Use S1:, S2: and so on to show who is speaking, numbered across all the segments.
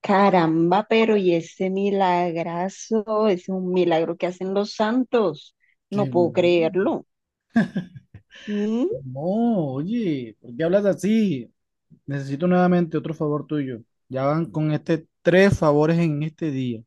S1: Caramba, pero y ese milagrazo, es un milagro que hacen los santos.
S2: Que
S1: No puedo creerlo. ¿Mm?
S2: No, oye, ¿por qué hablas así? Necesito nuevamente otro favor tuyo. Ya van con este tres favores en este día.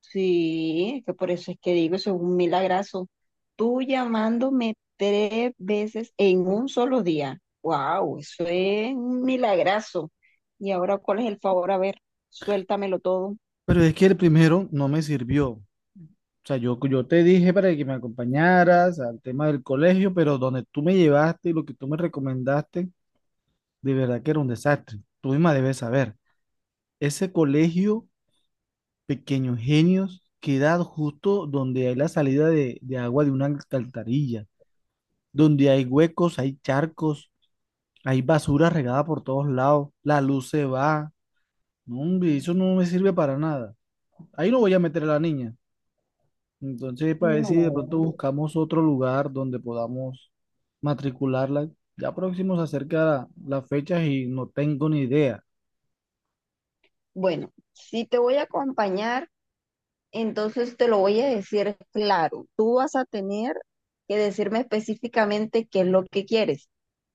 S1: Sí, es que por eso es que digo, eso es un milagrazo. Tú llamándome tres veces en un solo día. Wow, eso es un milagrazo. Y ahora, ¿cuál es el favor? A ver, suéltamelo todo.
S2: Pero es que el primero no me sirvió. O sea, yo te dije para que me acompañaras al tema del colegio, pero donde tú me llevaste y lo que tú me recomendaste, de verdad que era un desastre. Tú misma debes saber. Ese colegio, Pequeños Genios, queda justo donde hay la salida de agua de una alcantarilla, donde hay huecos, hay charcos, hay basura regada por todos lados, la luz se va. No, hombre, eso no me sirve para nada. Ahí no voy a meter a la niña. Entonces, para ver si de pronto
S1: No.
S2: buscamos otro lugar donde podamos matricularla. Ya próximo se acerca las fechas y no tengo ni idea.
S1: Bueno, si te voy a acompañar. Entonces te lo voy a decir claro. Tú vas a tener que decirme específicamente qué es lo que quieres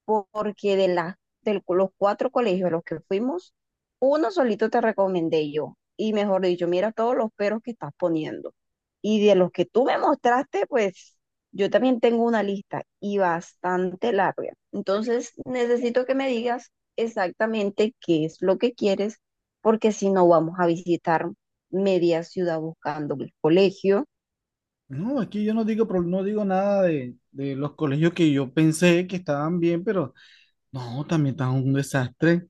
S1: porque de los cuatro colegios a los que fuimos, uno solito te recomendé yo. Y mejor dicho, mira todos los peros que estás poniendo. Y de los que tú me mostraste, pues yo también tengo una lista y bastante larga. Entonces, necesito que me digas exactamente qué es lo que quieres, porque si no vamos a visitar media ciudad buscando el colegio.
S2: No, aquí yo no digo, nada de los colegios que yo pensé que estaban bien, pero no, también están un desastre.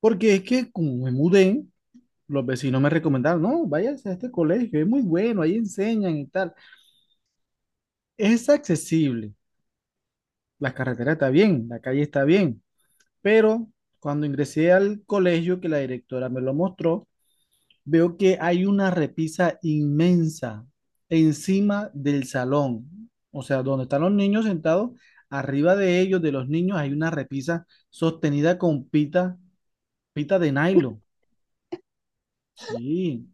S2: Porque es que como me mudé, los vecinos me recomendaron, no, váyase a este colegio, es muy bueno, ahí enseñan y tal. Es accesible, la carretera está bien, la calle está bien, pero cuando ingresé al colegio que la directora me lo mostró, veo que hay una repisa inmensa encima del salón, o sea, donde están los niños sentados, arriba de ellos, de los niños, hay una repisa sostenida con pita, pita de nylon. Sí,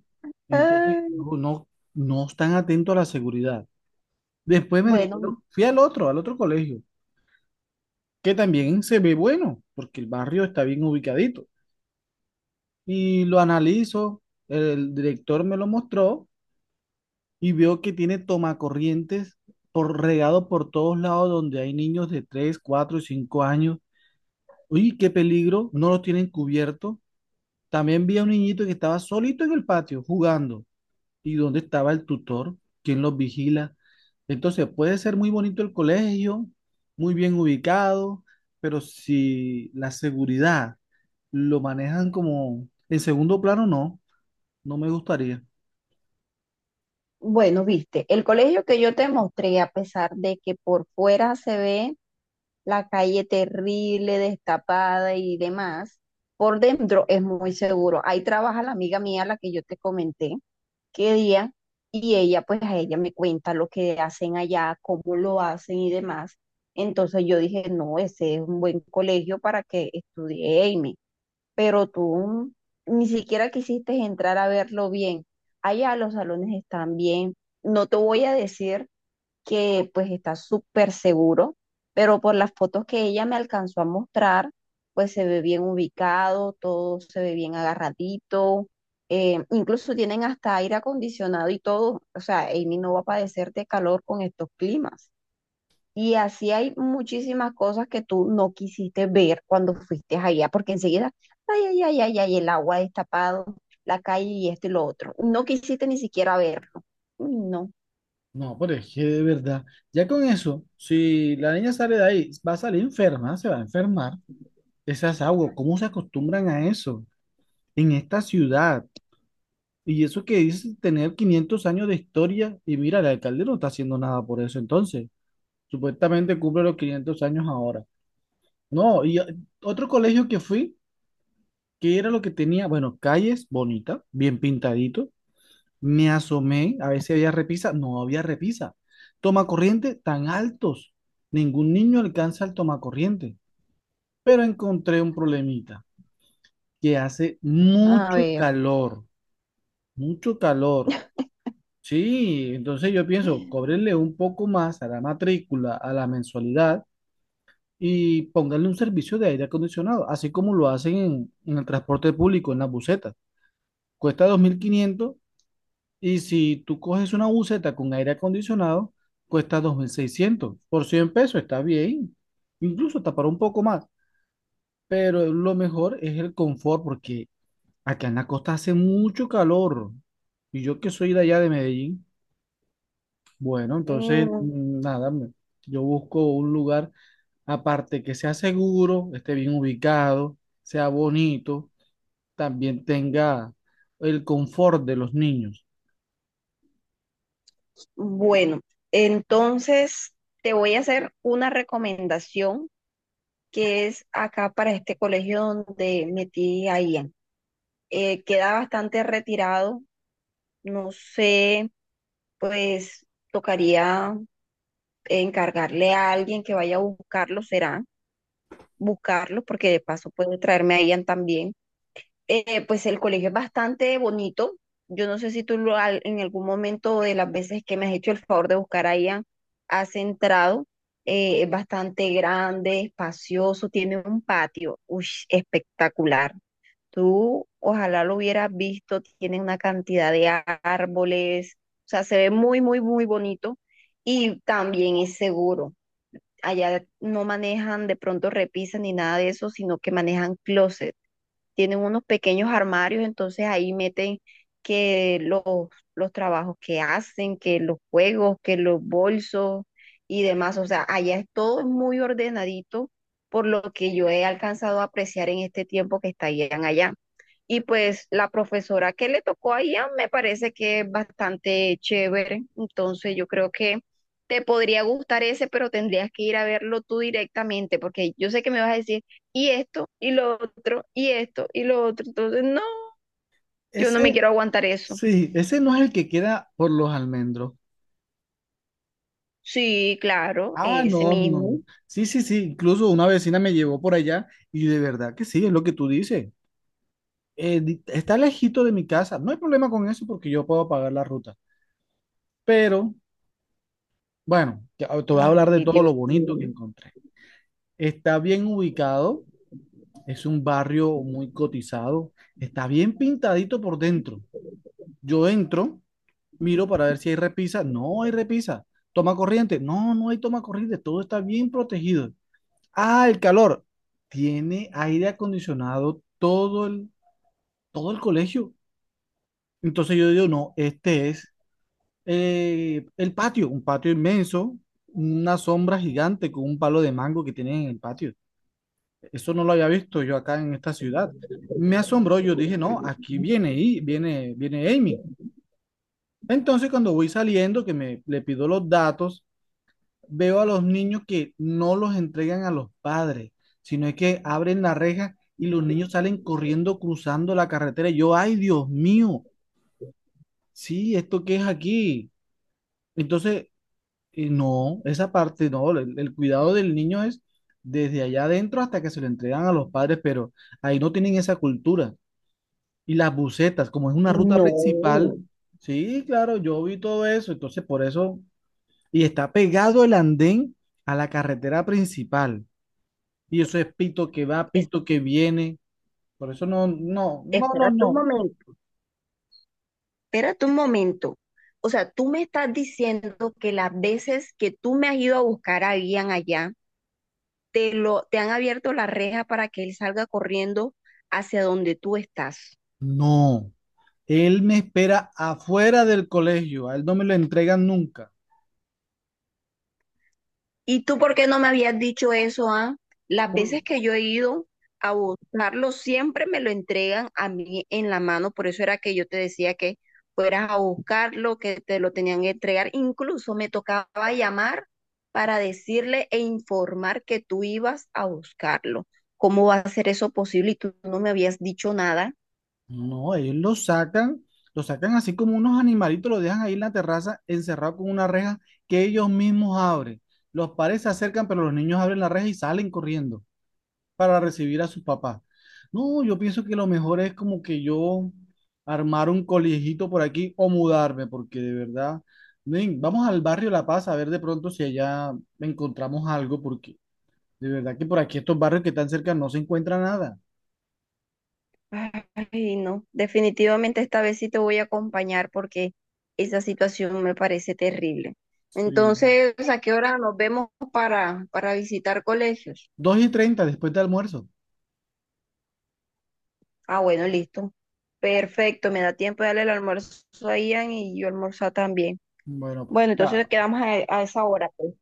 S2: entonces
S1: Ay,
S2: no, no, no están atentos a la seguridad. Después me
S1: bueno,
S2: dijeron, fui al otro colegio, que también se ve bueno, porque el barrio está bien ubicadito. Y lo analizo, el director me lo mostró y veo que tiene tomacorrientes por regado por todos lados donde hay niños de 3, 4 y 5 años. Uy, qué peligro, no los tienen cubierto. También vi a un niñito que estaba solito en el patio jugando. ¿Y dónde estaba el tutor? ¿Quién los vigila? Entonces puede ser muy bonito el colegio, muy bien ubicado, pero si la seguridad lo manejan como en segundo plano, no, no me gustaría.
S1: Bueno, viste, el colegio que yo te mostré, a pesar de que por fuera se ve la calle terrible, destapada y demás, por dentro es muy seguro. Ahí trabaja la amiga mía, la que yo te comenté, qué día, y ella, pues a ella me cuenta lo que hacen allá, cómo lo hacen y demás. Entonces yo dije, no, ese es un buen colegio para que estudie Amy, pero tú ni siquiera quisiste entrar a verlo bien. Allá los salones están bien. No te voy a decir que pues está súper seguro, pero por las fotos que ella me alcanzó a mostrar, pues se ve bien ubicado, todo se ve bien agarradito. Incluso tienen hasta aire acondicionado y todo. O sea, Amy no va a padecer de calor con estos climas. Y así hay muchísimas cosas que tú no quisiste ver cuando fuiste allá, porque enseguida, ay, ay, ay, ay, ay, el agua destapado, la calle y esto y lo otro. No quisiste ni siquiera verlo. Uy, no,
S2: No, pero es que de verdad, ya con eso, si la niña sale de ahí, va a salir enferma, se va a enfermar. Esas aguas, ¿cómo se acostumbran a eso en esta ciudad? Y eso que dice tener 500 años de historia, y mira, el alcalde no está haciendo nada por eso entonces. Supuestamente cumple los 500 años ahora. No, otro colegio que fui, que era lo que tenía, bueno, calles bonitas, bien pintaditos. Me asomé a ver si había repisa. No había repisa. Tomacorriente tan altos. Ningún niño alcanza el tomacorriente. Pero encontré un problemita, que hace
S1: a
S2: mucho
S1: ver.
S2: calor, mucho calor. Sí, entonces yo pienso, cóbrenle un poco más a la matrícula, a la mensualidad y pónganle un servicio de aire acondicionado, así como lo hacen en el transporte público, en las busetas. Cuesta 2.500. Y si tú coges una buseta con aire acondicionado, cuesta 2.600. Por 100 pesos está bien. Incluso hasta para un poco más. Pero lo mejor es el confort porque acá en la costa hace mucho calor. Y yo que soy de allá de Medellín, bueno, entonces
S1: Mm,
S2: nada, yo busco un lugar aparte que sea seguro, esté bien ubicado, sea bonito, también tenga el confort de los niños.
S1: bueno, entonces te voy a hacer una recomendación que es acá para este colegio donde metí a Ian. Queda bastante retirado, no sé, pues tocaría encargarle a alguien que vaya a buscarlo, será buscarlo, porque de paso puede traerme a Ian también. Pues el colegio es bastante bonito. Yo no sé si en algún momento de las veces que me has hecho el favor de buscar a Ian, has entrado. Es bastante grande, espacioso, tiene un patio, uy, espectacular. Tú ojalá lo hubieras visto, tiene una cantidad de árboles, o sea, se ve muy, muy, muy bonito y también es seguro. Allá no manejan de pronto repisas ni nada de eso, sino que manejan closets. Tienen unos pequeños armarios, entonces ahí meten que los trabajos que hacen, que los juegos, que los bolsos y demás. O sea, allá es todo muy ordenadito por lo que yo he alcanzado a apreciar en este tiempo que estarían allá. Y pues la profesora que le tocó allá me parece que es bastante chévere. Entonces yo creo que te podría gustar ese, pero tendrías que ir a verlo tú directamente, porque yo sé que me vas a decir y esto, y lo otro, y esto, y lo otro. Entonces, no, yo
S2: Ese
S1: no me quiero aguantar eso.
S2: Sí, ese no es el que queda por los almendros.
S1: Sí, claro,
S2: Ah,
S1: ese
S2: no,
S1: mismo.
S2: no. Sí, sí, sí. Incluso una vecina me llevó por allá y de verdad que sí, es lo que tú dices. Está lejito de mi casa. No hay problema con eso porque yo puedo pagar la ruta. Pero, bueno, te voy a hablar de
S1: Ay,
S2: todo
S1: Dios
S2: lo bonito que
S1: mío.
S2: encontré. Está bien ubicado, es un barrio muy cotizado, está bien pintadito por dentro. Yo entro. Miro para ver si hay repisa. No hay repisa. Toma corriente. No, no hay toma corriente. Todo está bien protegido. Ah, el calor. Tiene aire acondicionado todo el colegio. Entonces yo digo, no, este es el patio, un patio inmenso, una sombra gigante con un palo de mango que tienen en el patio. Eso no lo había visto yo acá en esta ciudad. Me asombró, yo dije, no, aquí viene y viene, viene Amy. Entonces cuando voy saliendo, que me le pido los datos, veo a los niños que no los entregan a los padres, sino es que abren la reja y los niños salen corriendo, cruzando la carretera. Y yo, ay, Dios mío, sí, ¿esto qué es aquí? Entonces, no, esa parte no, el cuidado del niño es desde allá adentro hasta que se lo entregan a los padres, pero ahí no tienen esa cultura. Y las busetas, como es una ruta
S1: No,
S2: principal, sí, claro, yo vi todo eso, entonces por eso, y está pegado el andén a la carretera principal. Y eso es pito que va,
S1: es-
S2: pito que viene. Por eso no, no, no, no,
S1: espérate un
S2: no.
S1: momento, espérate un momento. O sea, tú me estás diciendo que las veces que tú me has ido a buscar a Ian allá, te han abierto la reja para que él salga corriendo hacia donde tú estás.
S2: No, él me espera afuera del colegio. A él no me lo entregan nunca.
S1: ¿Y tú por qué no me habías dicho eso, ah? Las
S2: Por-
S1: veces que yo he ido a buscarlo, siempre me lo entregan a mí en la mano. Por eso era que yo te decía que fueras a buscarlo, que te lo tenían que entregar. Incluso me tocaba llamar para decirle e informar que tú ibas a buscarlo. ¿Cómo va a ser eso posible? Y tú no me habías dicho nada.
S2: No, ellos lo sacan así como unos animalitos, lo dejan ahí en la terraza encerrado con una reja que ellos mismos abren. Los padres se acercan, pero los niños abren la reja y salen corriendo para recibir a sus papás. No, yo pienso que lo mejor es como que yo armar un colegito por aquí o mudarme, porque de verdad, ven, vamos al barrio La Paz a ver de pronto si allá encontramos algo, porque de verdad que por aquí estos barrios que están cerca no se encuentra nada.
S1: Ay, no, definitivamente esta vez sí te voy a acompañar porque esa situación me parece terrible.
S2: Sí.
S1: Entonces, ¿a qué hora nos vemos para visitar colegios?
S2: 2:30 después de almuerzo.
S1: Ah, bueno, listo. Perfecto, me da tiempo de darle el almuerzo a Ian y yo almorzar también.
S2: Bueno,
S1: Bueno, entonces
S2: pues,
S1: quedamos a esa hora, pues.